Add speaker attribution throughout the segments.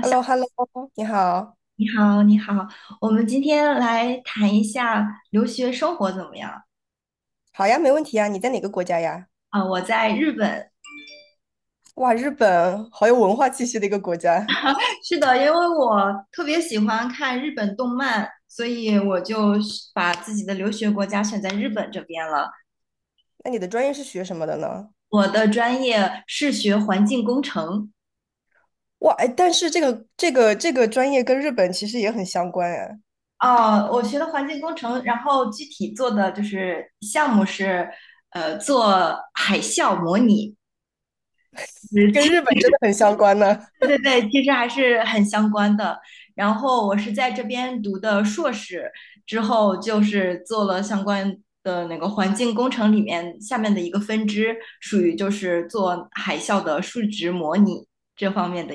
Speaker 1: h e l l o h e l l o 你好，
Speaker 2: 你好，你好。我们今天来谈一下留学生活怎么样？
Speaker 1: 好呀，没问题呀。你在哪个国家呀？
Speaker 2: 啊，我在日本。
Speaker 1: 哇，日本好有文化气息的一个国家。
Speaker 2: 是的，因为我特别喜欢看日本动漫，所以我就是把自己的留学国家选在日本这边了。
Speaker 1: 那你的专业是学什么的呢？
Speaker 2: 我的专业是学环境工程。
Speaker 1: 哇，哎，但是这个专业跟日本其实也很相关哎，
Speaker 2: 哦，我学的环境工程，然后具体做的就是项目是，做海啸模拟。
Speaker 1: 跟日本真的很相关呢。
Speaker 2: 对对对，其实还是很相关的。然后我是在这边读的硕士，之后就是做了相关的那个环境工程里面下面的一个分支，属于就是做海啸的数值模拟这方面的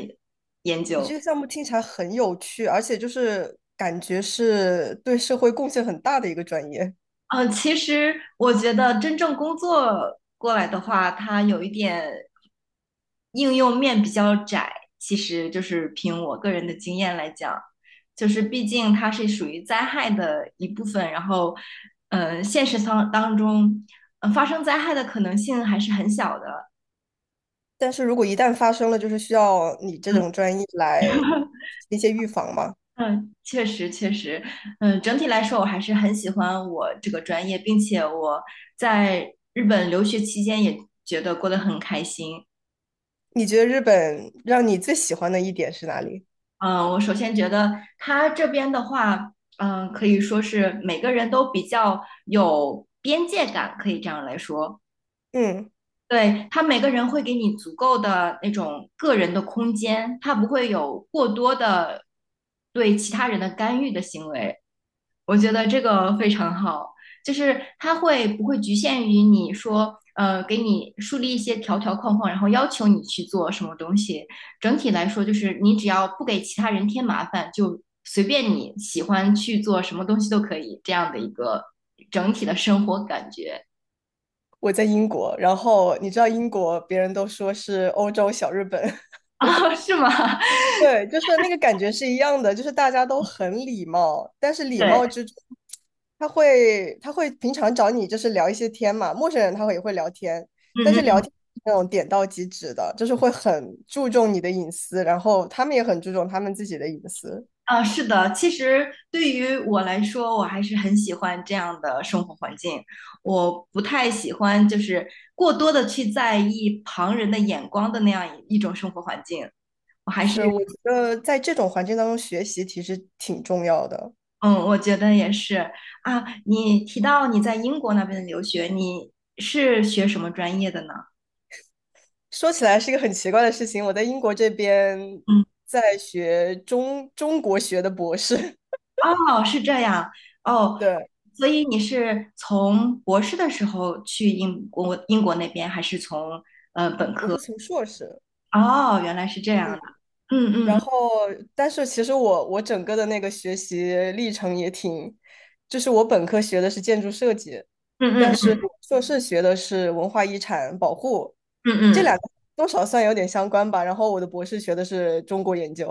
Speaker 2: 研
Speaker 1: 你
Speaker 2: 究。
Speaker 1: 这个项目听起来很有趣，而且就是感觉是对社会贡献很大的一个专业。
Speaker 2: 其实我觉得真正工作过来的话，它有一点应用面比较窄。其实就是凭我个人的经验来讲，就是毕竟它是属于灾害的一部分，然后，现实当中，发生灾害的可能性还是很小的。
Speaker 1: 但是如果一旦发生了，就是需要你这
Speaker 2: 嗯
Speaker 1: 种专业来一些预防嘛。
Speaker 2: 嗯，确实确实，整体来说我还是很喜欢我这个专业，并且我在日本留学期间也觉得过得很开心。
Speaker 1: 你觉得日本让你最喜欢的一点是哪里？
Speaker 2: 嗯，我首先觉得他这边的话，可以说是每个人都比较有边界感，可以这样来说。
Speaker 1: 嗯。
Speaker 2: 对，他每个人会给你足够的那种个人的空间，他不会有过多的对其他人的干预的行为。我觉得这个非常好，就是它会不会局限于你说，给你树立一些条条框框，然后要求你去做什么东西。整体来说，就是你只要不给其他人添麻烦，就随便你喜欢去做什么东西都可以，这样的一个整体的生活感觉。
Speaker 1: 我在英国，然后你知道英国，别人都说是欧洲小日本，
Speaker 2: 啊，是吗？
Speaker 1: 对，就是那个感觉是一样的，就是大家都很礼貌，但是礼
Speaker 2: 对，
Speaker 1: 貌之中，他会平常找你就是聊一些天嘛，陌生人他会也会聊天，但是
Speaker 2: 嗯。
Speaker 1: 聊天是那种点到即止的，就是会很注重你的隐私，然后他们也很注重他们自己的隐私，
Speaker 2: 啊，是的，其实对于我来说，我还是很喜欢这样的生活环境。我不太喜欢就是过多的去在意旁人的眼光的那样一种生活环境。我还是，
Speaker 1: 是我觉得在这种环境当中学习其实挺重要的。
Speaker 2: 嗯，我觉得也是啊。你提到你在英国那边的留学，你是学什么专业的呢？
Speaker 1: 说起来是一个很奇怪的事情，我在英国这边
Speaker 2: 嗯。
Speaker 1: 在学中国学的博士，
Speaker 2: 哦，是这样。哦，
Speaker 1: 对，
Speaker 2: 所以你是从博士的时候去英国那边，还是从？
Speaker 1: 我是从硕士，
Speaker 2: 哦，原来是这样
Speaker 1: 嗯，
Speaker 2: 的。嗯嗯
Speaker 1: 然
Speaker 2: 嗯。
Speaker 1: 后但是其实我整个的那个学习历程也挺，就是我本科学的是建筑设计，
Speaker 2: 嗯
Speaker 1: 但
Speaker 2: 嗯
Speaker 1: 是
Speaker 2: 嗯
Speaker 1: 我硕士学的是文化遗产保护，
Speaker 2: 嗯
Speaker 1: 这
Speaker 2: 嗯。
Speaker 1: 两个多少算有点相关吧，然后我的博士学的是中国研究，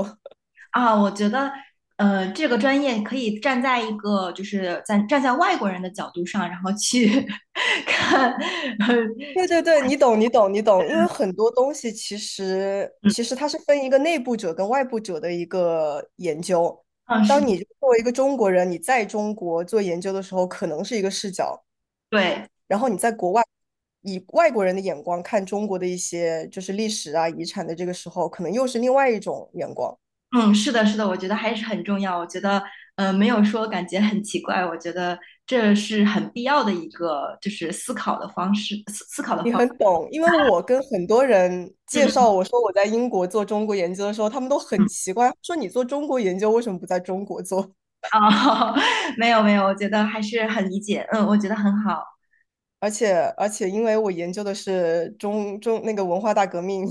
Speaker 2: 啊，我觉得这个专业可以站在一个就是在站在外国人的角度上，然后去 看。
Speaker 1: 对对对，你懂，你懂，你懂，因为很多东西其实
Speaker 2: 嗯
Speaker 1: 其实它是分一个内部者跟外部者的一个研究。
Speaker 2: 嗯，是
Speaker 1: 当
Speaker 2: 的。
Speaker 1: 你作为一个中国人，你在中国做研究的时候，可能是一个视角，
Speaker 2: 对，
Speaker 1: 然后你在国外以外国人的眼光看中国的一些就是历史啊、遗产的这个时候，可能又是另外一种眼光。
Speaker 2: 嗯，是的，是的，我觉得还是很重要。我觉得没有说感觉很奇怪，我觉得这是很必要的一个就是思考的方式，思考的方。
Speaker 1: 你很懂，因为我跟很多人
Speaker 2: 嗯
Speaker 1: 介绍
Speaker 2: 嗯
Speaker 1: 我说我在英国做中国研究的时候，他们都很
Speaker 2: 嗯。
Speaker 1: 奇怪，说你做中国研究为什么不在中国做？
Speaker 2: 啊，没有没有，我觉得还是很理解。嗯，我觉得很好。
Speaker 1: 而且，因为我研究的是中那个文化大革命，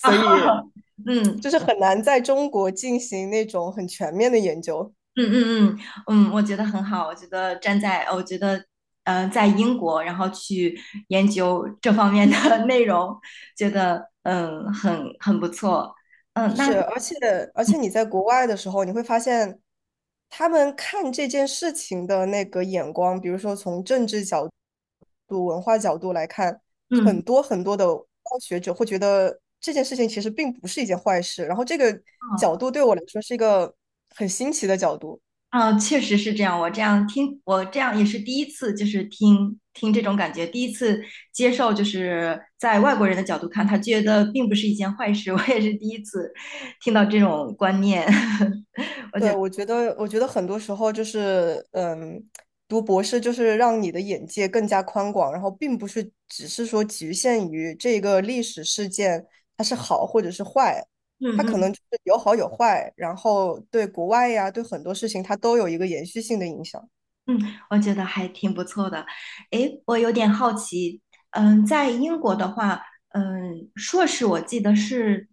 Speaker 2: 啊，
Speaker 1: 以
Speaker 2: 嗯。
Speaker 1: 就是很难在中国进行那种很全面的研究。
Speaker 2: 嗯嗯嗯。嗯，我觉得很好。我觉得站在，我觉得在英国，然后去研究这方面的 内容，觉得很不错。嗯，那。
Speaker 1: 是，而且你在国外的时候，你会发现他们看这件事情的那个眼光，比如说从政治角度、文化角度来看，
Speaker 2: 嗯。
Speaker 1: 很多很多的学者会觉得这件事情其实并不是一件坏事。然后这个角度对我来说是一个很新奇的角度。
Speaker 2: 啊，哦，确实是这样。我这样听，我这样也是第一次，就是听听这种感觉，第一次接受，就是在外国人的角度看，他觉得并不是一件坏事。我也是第一次听到这种观念，我觉
Speaker 1: 对，
Speaker 2: 得
Speaker 1: 我觉得很多时候就是，嗯，读博士就是让你的眼界更加宽广，然后并不是只是说局限于这个历史事件它是好或者是坏，它
Speaker 2: 嗯
Speaker 1: 可
Speaker 2: 嗯。
Speaker 1: 能就是有好有坏，然后对国外呀，对很多事情它都有一个延续性的影响。
Speaker 2: 嗯，我觉得还挺不错的。诶，我有点好奇，在英国的话，硕士我记得是，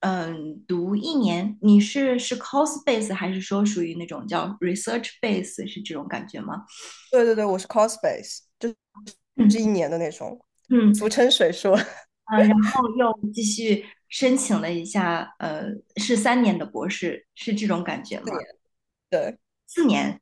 Speaker 2: 读一年，你是 course base 还是说属于那种叫 research base 是这种感觉吗？
Speaker 1: 对对对，我是 cospace，就是
Speaker 2: 嗯
Speaker 1: 1年的那种，
Speaker 2: 嗯。
Speaker 1: 俗称水硕。
Speaker 2: 然后又申请了一下，是三年的博士，是这种感觉吗？
Speaker 1: 对。
Speaker 2: 4年。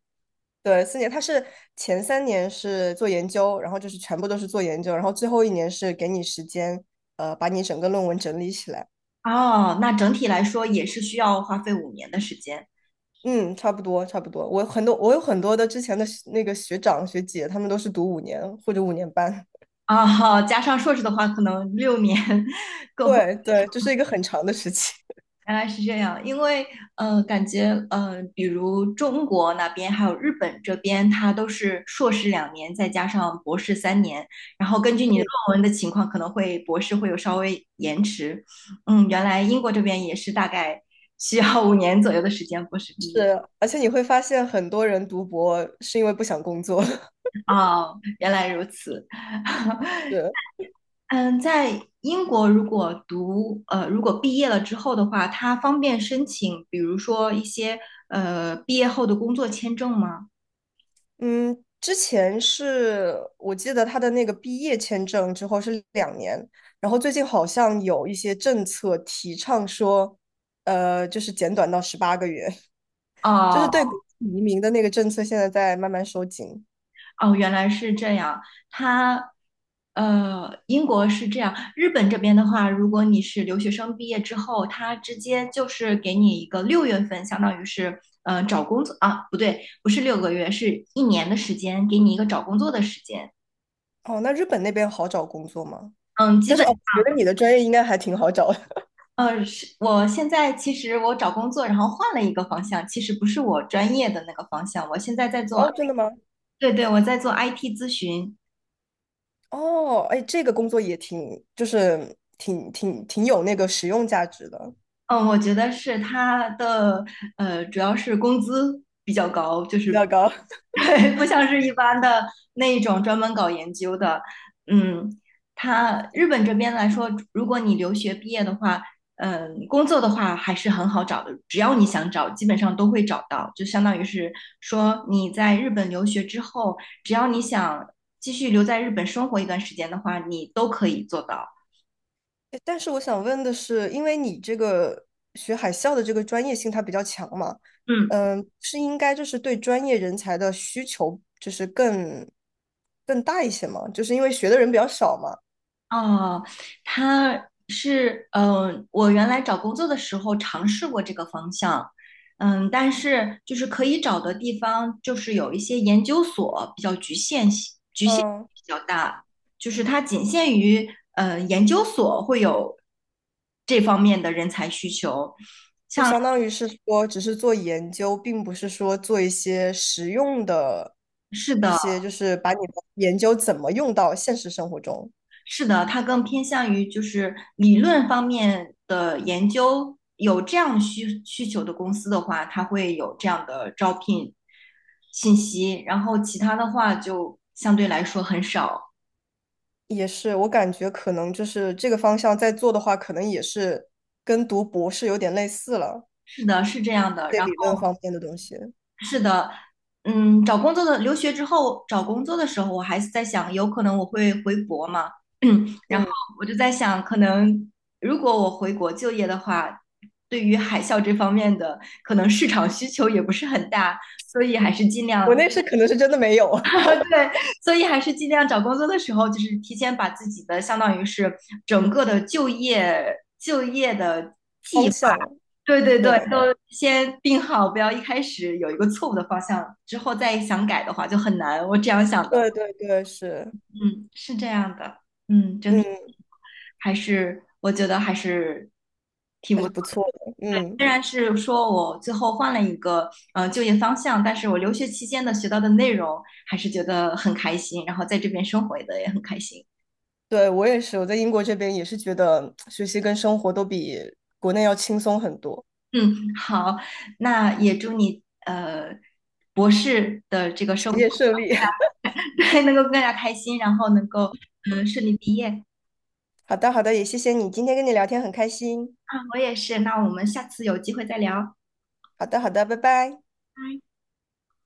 Speaker 1: 对，4年，他是前3年是做研究，然后就是全部都是做研究，然后最后一年是给你时间，把你整个论文整理起来。
Speaker 2: 哦，那整体来说也是需要花费五年的时间。
Speaker 1: 嗯，差不多，差不多。我有很多的之前的学那个学长学姐，他们都是读五年或者5年半。
Speaker 2: 啊，加上硕士的话，可能6年。
Speaker 1: 对对，这是一个很长的时期。
Speaker 2: 原来是这样，因为感觉比如中国那边还有日本这边，它都是硕士2年，再加上博士三年，然后根据你的论文的情况，可能会博士会有稍微延迟。原来英国这边也是大概需要五年左右的时间博士 毕业。
Speaker 1: 是，而且你会发现很多人读博是因为不想工作。
Speaker 2: 哦，原来如此。
Speaker 1: 是，
Speaker 2: 嗯，在英国如果读如果毕业了之后的话，它方便申请，比如说一些毕业后的工作签证吗？
Speaker 1: 嗯，之前是我记得他的那个毕业签证之后是2年，然后最近好像有一些政策提倡说，就是减短到18个月，就是
Speaker 2: 哦。
Speaker 1: 对移民的那个政策现在在慢慢收紧。
Speaker 2: 哦，原来是这样。他，英国是这样。日本这边的话，如果你是留学生毕业之后，他直接就是给你一个6月份，相当于是找工作。啊，不对，不是6个月，是一年的时间，给你一个找工作的时间。
Speaker 1: 哦，那日本那边好找工作吗？
Speaker 2: 嗯，基
Speaker 1: 但是
Speaker 2: 本。
Speaker 1: 哦，我觉得你的专业应该还挺好找的。
Speaker 2: 是我现在其实我找工作，然后换了一个方向，其实不是我专业的那个方向，我现在在 做。
Speaker 1: 哦，真的吗？
Speaker 2: 对对，我在做 IT 咨询。
Speaker 1: 哦，哎，这个工作也挺，就是挺有那个实用价值的，
Speaker 2: 嗯，我觉得是它的，主要是工资比较高，就
Speaker 1: 比
Speaker 2: 是
Speaker 1: 较高。
Speaker 2: 对，不像是一般的那一种专门搞研究的。嗯，它日本这边来说，如果你留学毕业的话，工作的话还是很好找的，只要你想找，基本上都会找到。就相当于是说你在日本留学之后，只要你想继续留在日本生活一段时间的话，你都可以做到。
Speaker 1: 诶但是我想问的是，因为你这个学海校的这个专业性它比较强嘛，
Speaker 2: 嗯。
Speaker 1: 嗯，是应该就是对专业人才的需求就是更大一些嘛？就是因为学的人比较少嘛，
Speaker 2: 哦，他是。嗯、我原来找工作的时候尝试过这个方向，但是就是可以找的地方，就是有一些研究所比较局限
Speaker 1: 嗯，
Speaker 2: 比较大，就是它仅限于研究所会有这方面的人才需求。
Speaker 1: 就相当于是说只是做研究，并不是说做一些实用的
Speaker 2: 是
Speaker 1: 一
Speaker 2: 的。
Speaker 1: 些，就是把你的研究怎么用到现实生活中。
Speaker 2: 是的，它更偏向于就是理论方面的研究。有这样需求的公司的话，它会有这样的招聘信息，然后其他的话就相对来说很少。
Speaker 1: 也是，我感觉可能就是这个方向在做的话，可能也是跟读博士有点类似了。
Speaker 2: 是的，是这样的。
Speaker 1: 些理论方面的东西。
Speaker 2: 是的，嗯，找工作的留学之后找工作的时候，我还是在想，有可能我会回国嘛，然后
Speaker 1: 嗯，
Speaker 2: 我就在想，可能如果我回国就业的话，对于海校这方面的可能市场需求也不是很大，所以还是尽
Speaker 1: 国
Speaker 2: 量。
Speaker 1: 内是可能是真的没有
Speaker 2: 对，所以还是尽量找工作的时候，就是提前把自己的相当于是整个的就业的。
Speaker 1: 方向。
Speaker 2: 对对对，
Speaker 1: 对，
Speaker 2: 都先定好，不要一开始有一个错误的方向，之后再想改的话就很难。我这样想的。
Speaker 1: 对对对，是，
Speaker 2: 嗯，是这样的，整体
Speaker 1: 嗯，
Speaker 2: 还是，我觉得还是挺
Speaker 1: 还
Speaker 2: 不
Speaker 1: 是
Speaker 2: 错。
Speaker 1: 不错的。嗯，
Speaker 2: 虽然是说我最后换了一个就业方向，但是我留学期间的学到的内容还是觉得很开心，然后在这边生活的也很开心。
Speaker 1: 对，我也是，我在英国这边也是觉得学习跟生活都比国内要轻松很多，
Speaker 2: 嗯，好，那也祝你博士的这个
Speaker 1: 学
Speaker 2: 生。
Speaker 1: 业顺利。
Speaker 2: 能够更加开心，然后能够顺利毕业。
Speaker 1: 好的，好的，也谢谢你，今天跟你聊天很开心。
Speaker 2: 啊！我也是，那我们下次有机会再聊。
Speaker 1: 好的，好的，拜拜。